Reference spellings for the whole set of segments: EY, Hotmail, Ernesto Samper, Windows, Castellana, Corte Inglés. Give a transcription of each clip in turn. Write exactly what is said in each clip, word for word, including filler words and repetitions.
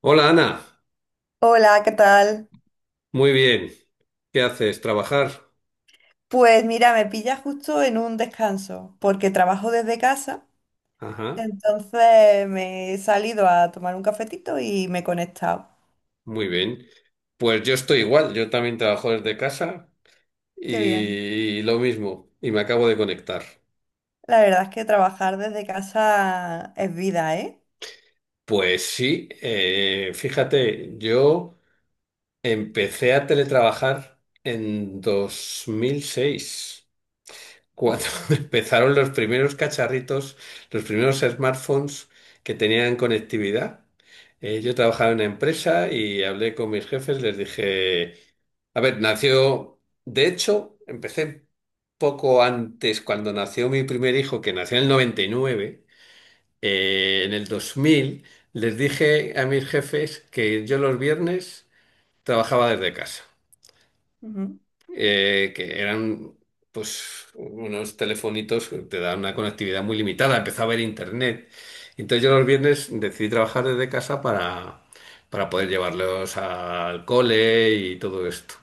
Hola Ana, Hola, ¿qué tal? muy bien. ¿Qué haces? ¿Trabajar? Pues mira, me pilla justo en un descanso, porque trabajo desde casa, Ajá, entonces me he salido a tomar un cafetito y me he conectado. muy bien. Pues yo estoy igual, yo también trabajo desde casa Qué bien. y, lo mismo, y me acabo de conectar. La verdad es que trabajar desde casa es vida, ¿eh? Pues sí, eh, fíjate, yo empecé a teletrabajar en dos mil seis. cuando Ostras. empezaron los primeros cacharritos, los primeros smartphones que tenían conectividad. Eh, yo trabajaba en una empresa y hablé con mis jefes, les dije, a ver, nació, de hecho, empecé poco antes, cuando nació mi primer hijo, que nació en el noventa y nueve, eh, en el dos mil. Les dije a mis jefes que yo los viernes trabajaba desde casa, Ujú. eh, que eran pues unos telefonitos que te dan una conectividad muy limitada, empezaba a haber internet. Entonces yo los viernes decidí trabajar desde casa para, para poder llevarlos al cole y todo esto.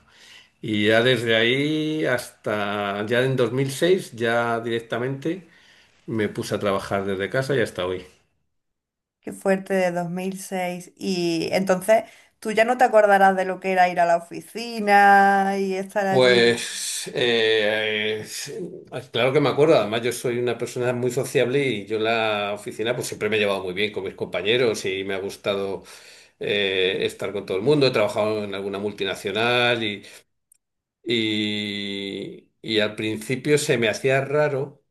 Y ya desde ahí hasta ya en dos mil seis, ya directamente me puse a trabajar desde casa y hasta hoy. Qué fuerte de dos mil seis. Y entonces tú ya no te acordarás de lo que era ir a la oficina y estar allí. Pues eh, eh, claro que me acuerdo, además yo soy una persona muy sociable y yo en la oficina pues siempre me he llevado muy bien con mis compañeros y me ha gustado eh, estar con todo el mundo. He trabajado en alguna multinacional y, y, y al principio se me hacía raro.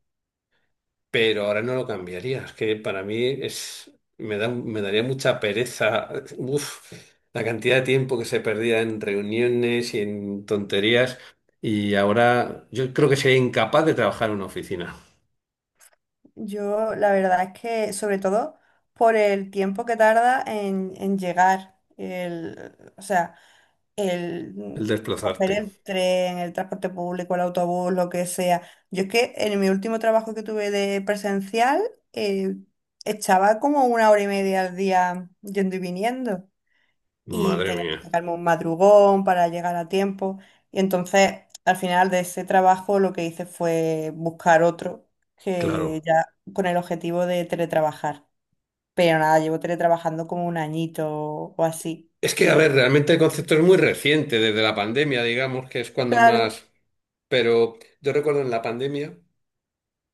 Pero ahora no lo cambiaría. Es que para mí es, me da, me daría mucha pereza. Uf, la cantidad de tiempo que se perdía en reuniones y en tonterías. Y ahora yo creo que sería incapaz de trabajar en una oficina. Yo la verdad es que, sobre todo por el tiempo que tarda en, en llegar, el, o sea, el El mm, coger desplazarte. el tren, el transporte público, el autobús, lo que sea. Yo es que en mi último trabajo que tuve de presencial, eh, echaba como una hora y media al día yendo y viniendo y Madre tenía mía. que sacarme un madrugón para llegar a tiempo. Y entonces, al final de ese trabajo, lo que hice fue buscar otro que Claro. ya con el objetivo de teletrabajar. Pero nada, llevo teletrabajando como un añito o así. Es que, a Y ver, realmente el concepto es muy reciente, desde la pandemia, digamos, que es cuando claro, más. Pero yo recuerdo en la pandemia.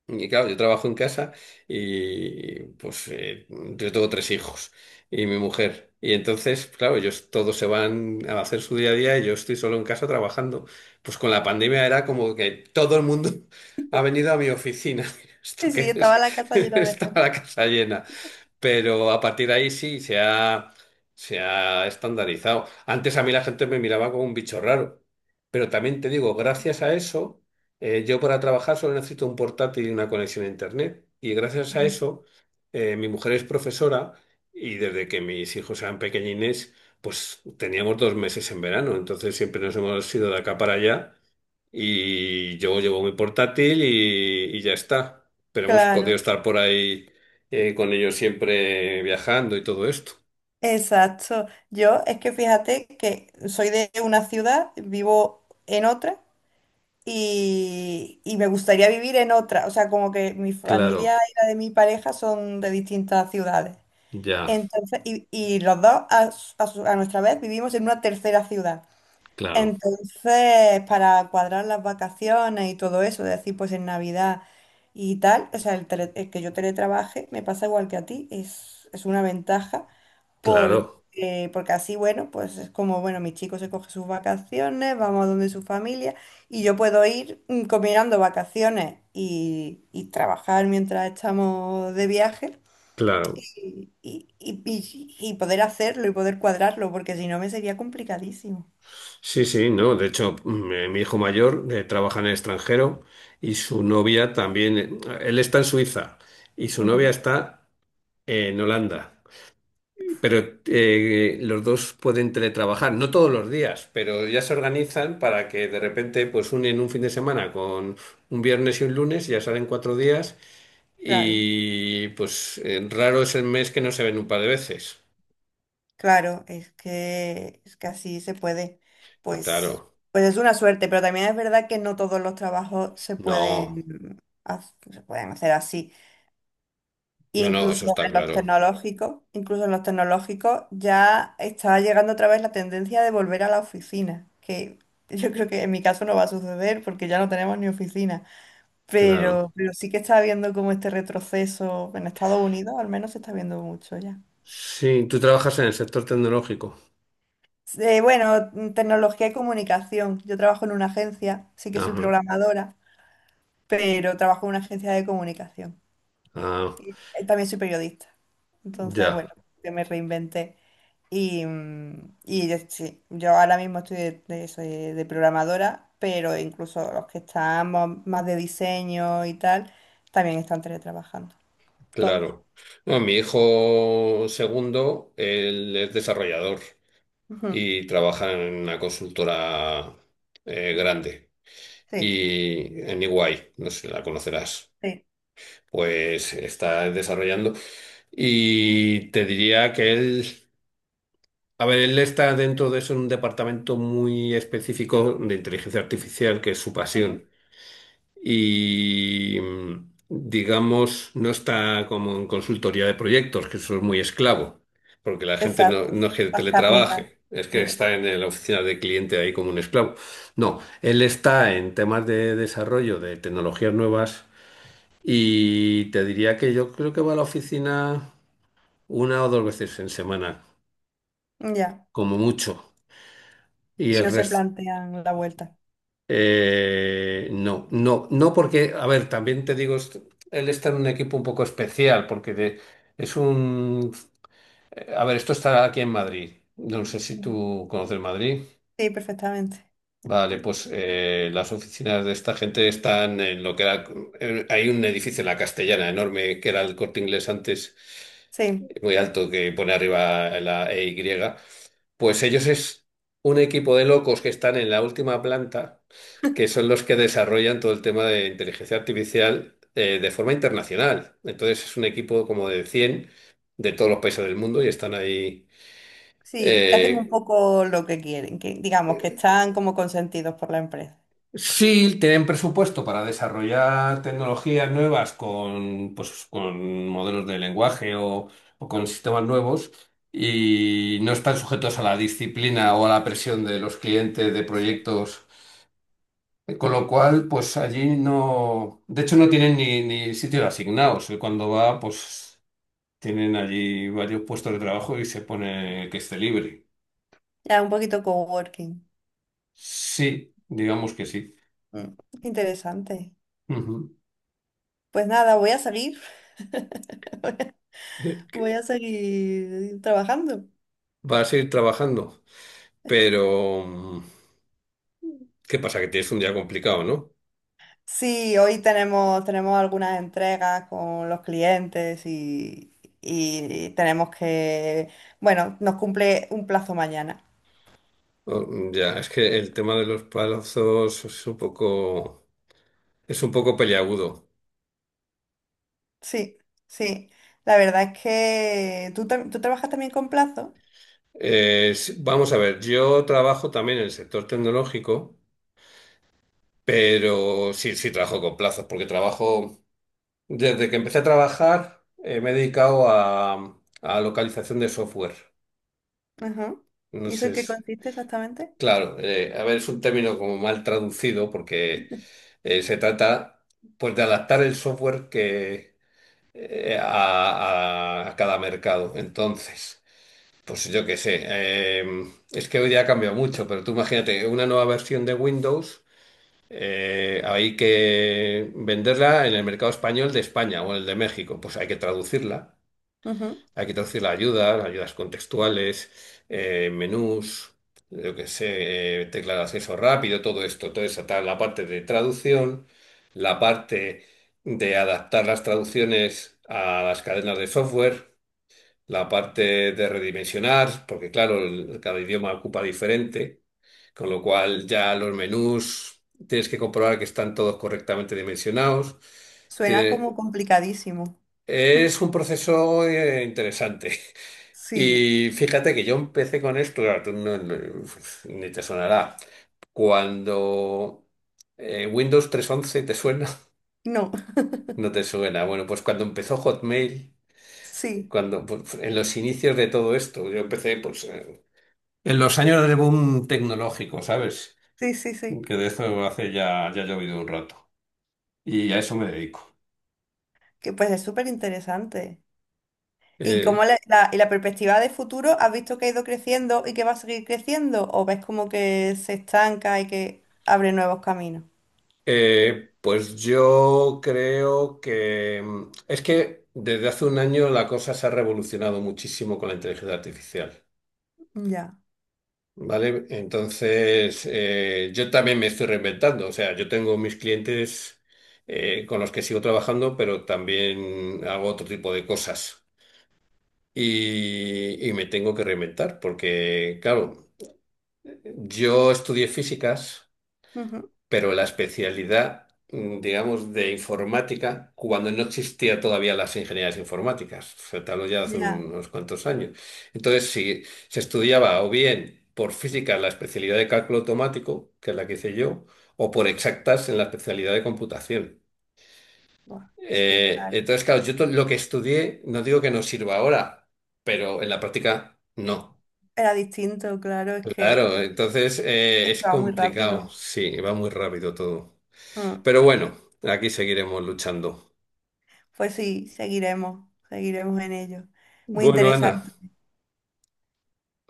Y claro, yo trabajo en casa y pues eh, yo tengo tres hijos y mi mujer. Y entonces, claro, ellos todos se van a hacer su día a día y yo estoy solo en casa trabajando. Pues con la pandemia era como que todo el mundo ha venido a mi oficina. ¿Esto y sí, qué es? estaba la casa llena de Estaba gente. la casa llena. Pero a partir de ahí sí, se ha, se ha estandarizado. Antes a mí la gente me miraba como un bicho raro, pero también te digo, gracias a eso, eh, yo para trabajar solo necesito un portátil y una conexión a Internet. Y gracias a eso, eh, mi mujer es profesora y desde que mis hijos eran pequeñines, pues teníamos dos meses en verano, entonces siempre nos hemos ido de acá para allá. Y yo llevo mi portátil y, y ya está. Pero hemos podido Claro, estar por ahí, eh, con ellos siempre viajando y todo esto. exacto. Yo es que fíjate que soy de una ciudad, vivo en otra. Y, y me gustaría vivir en otra. O sea, como que mi Claro, familia y la de mi pareja son de distintas ciudades. ya, Entonces, y, y los dos a, su- a su- a nuestra vez vivimos en una tercera ciudad. claro, Entonces, para cuadrar las vacaciones y todo eso, de decir, pues en Navidad y tal, o sea, el, tele- el que yo teletrabaje me pasa igual que a ti, es, es una ventaja claro, porque, porque así, bueno, pues es como, bueno, mi chico se coge sus vacaciones, vamos a donde su familia y yo puedo ir mm, combinando vacaciones y, y trabajar mientras estamos de viaje claro. y, y, y, y y poder hacerlo y poder cuadrarlo, porque si no me sería complicadísimo. Sí, sí, no. De hecho, mm, eh, mi hijo mayor, eh, trabaja en el extranjero y su novia también. eh, Él está en Suiza y su novia Ujú, está en Holanda. Pero eh, los dos pueden teletrabajar, no todos los días, pero ya se organizan para que de repente pues unen un fin de semana con un viernes y un lunes, ya salen cuatro días claro. y pues, eh, raro es el mes que no se ven un par de veces. Claro, es que, es que así se puede. Pues, Claro, pues es una suerte, pero también es verdad que no todos los trabajos se no, pueden, haz- se pueden hacer así. E no, no, eso incluso está en los claro. tecnológicos, incluso en los tecnológicos ya está llegando otra vez la tendencia de volver a la oficina, que yo creo que en mi caso no va a suceder porque ya no tenemos ni oficina. Claro. Pero, pero sí que está habiendo como este retroceso en Estados Unidos, al menos se está viendo mucho ya. Sí, tú trabajas en el sector tecnológico. Eh, bueno, mm, Tecnología y comunicación. Yo trabajo en una agencia, sí que soy Ajá, programadora, pero trabajo en una agencia de comunicación. ah, Eh, También soy periodista. ya, Entonces, bueno, yo me reinventé. Y, mm, y yo- sí, yo ahora mismo estoy de, de eso, de- de programadora, pero incluso los que estamos más de diseño y tal, también están teletrabajando. Todos. claro. No, mi hijo segundo, él es desarrollador Ujú. y trabaja en una consultora, eh, grande. Sí, Y en E Y, no sé si la conocerás, sí. pues está desarrollando. Y te diría que él, a ver, él está dentro de eso en un departamento muy específico de inteligencia artificial, que es su Ujú. pasión y, mm, digamos, no está como en consultoría de proyectos, que eso es muy esclavo, porque la gente no, Exacto, no es sí. que Las cárnicas. teletrabaje, es que Mm. está en la oficina de cliente ahí como un esclavo. No, él está en temas de desarrollo de tecnologías nuevas y te diría que yo creo que va a la oficina una o dos veces en semana, Ya. como mucho, y Y el no se resto. plantean la vuelta. Eh, no, no, no, porque, a ver, también te digo, est- él está en un equipo un poco especial, porque de- es un... A ver, esto está aquí en Madrid. No sé si Ujú. tú conoces Madrid. Sí, perfectamente. Vale, pues eh, las oficinas de esta gente están en lo que era... eh, Hay un edificio en la Castellana enorme, que era el Corte Inglés antes, Sí, muy alto, que pone arriba la E EY. Pues ellos es un equipo de locos que están en la última planta, que son los que desarrollan todo el tema de inteligencia artificial, eh, de forma internacional. Entonces es un equipo como de cien de todos los países del mundo y están ahí. sí, que hacen un eh, poco lo que quieren, que digamos que están como consentidos por la empresa. sí, tienen presupuesto para desarrollar tecnologías nuevas con, pues, con modelos de lenguaje o, o con sistemas nuevos. Y no están sujetos a la disciplina o a la presión de los clientes de Eso. proyectos. Con lo cual, pues allí no, de hecho no tienen ni, ni, sitio asignados. Él, Cuando va, pues tienen allí varios puestos de trabajo y se pone que esté libre. Ya un poquito coworking. Sí, digamos que sí. Mm, qué interesante. Ujú. Pues nada, voy a seguir, Eh, Que voy a seguir trabajando. Vas a ir trabajando, pero, mm, ¿qué pasa? Que tienes un día complicado, ¿no? Sí, hoy tenemos, tenemos algunas entregas con los clientes y, y tenemos que, bueno, nos cumple un plazo mañana. O- mm, Ya, es que el tema de los plazos es un poco, es un poco peliagudo. Sí, sí. La verdad es que tú, tam- tú trabajas también con plazo. Es- vamos a ver, yo trabajo también en el sector tecnológico. Pero sí, sí trabajo con plazos, porque trabajo, desde que empecé a trabajar, eh, me he dedicado a, a localización de software. Ujú. No ¿Y eso en sé, qué si- consiste exactamente? claro, eh, a ver, es un término como mal traducido, porque eh, se trata pues de adaptar el software que, eh, a, a- a cada mercado. Entonces, pues yo qué sé, eh, es que hoy día ha cambiado mucho, pero tú imagínate una nueva versión de Windows. Eh, hay que venderla en el mercado español de España o el de México. Pues hay que traducirla. Ujú. Hay que traducir la ayuda, ayudas contextuales, eh, menús, yo que sé, eh, tecla de acceso rápido, todo esto. Toda esa tal, la parte de traducción, la parte de adaptar las traducciones a las cadenas de software, la parte de redimensionar, porque claro, el- cada idioma ocupa diferente, con lo cual ya los menús tienes que comprobar que están todos correctamente dimensionados. Suena Tiene- como complicadísimo. es un proceso, eh, interesante. Sí, Y fíjate que yo empecé con esto, claro, tú no- no- ni te sonará. Cuando eh, Windows trescientos once te suena, no, no te suena. Bueno, pues cuando empezó Hotmail, sí, cuando pues, en los inicios de todo esto, yo empecé pues, eh, En los años de boom tecnológico, ¿sabes? sí, sí, sí. Que de eso hace ya, ya ha llovido un rato. Y a eso me dedico. Que pues es súper interesante. ¿Y cómo Eh, la, la- y la perspectiva de futuro, has visto que ha ido creciendo y que va a seguir creciendo? ¿O ves como que se estanca y que abre nuevos caminos? eh, pues yo creo que, mm, es que desde hace un año la cosa se ha revolucionado muchísimo con la inteligencia artificial, Ya, ¿vale? Entonces, eh, yo también me estoy reinventando, o sea, yo tengo mis clientes, eh, con los que sigo trabajando, pero también hago otro tipo de cosas. y, y me tengo que reinventar porque, claro, yo estudié físicas, ujú, pero la especialidad, mm, digamos, de informática, cuando no existía todavía las ingenierías informáticas, o sea, te hablo ya de hace ya. unos cuantos años. Entonces, si se estudiaba o bien por física la especialidad de cálculo automático, que es la que hice yo, o por exactas en la especialidad de computación. Buah, es que, Eh, claro, entonces, claro, yo to- lo que estudié, no digo que no sirva ahora, pero en la práctica no. era distinto, claro, es que... Claro, entonces eh, Es es que va muy complicado. rápido. Sí, va muy rápido todo. Mm. Pero bueno, aquí seguiremos luchando. Pues sí, seguiremos, seguiremos en ello. Muy Bueno, Ana, interesante.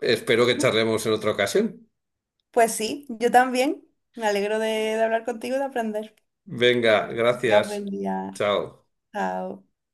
espero que charlemos en otra ocasión. Pues sí, yo también. Me alegro de, de hablar contigo y de aprender. Venga, Tengas gracias. buen día. Chao. Chao.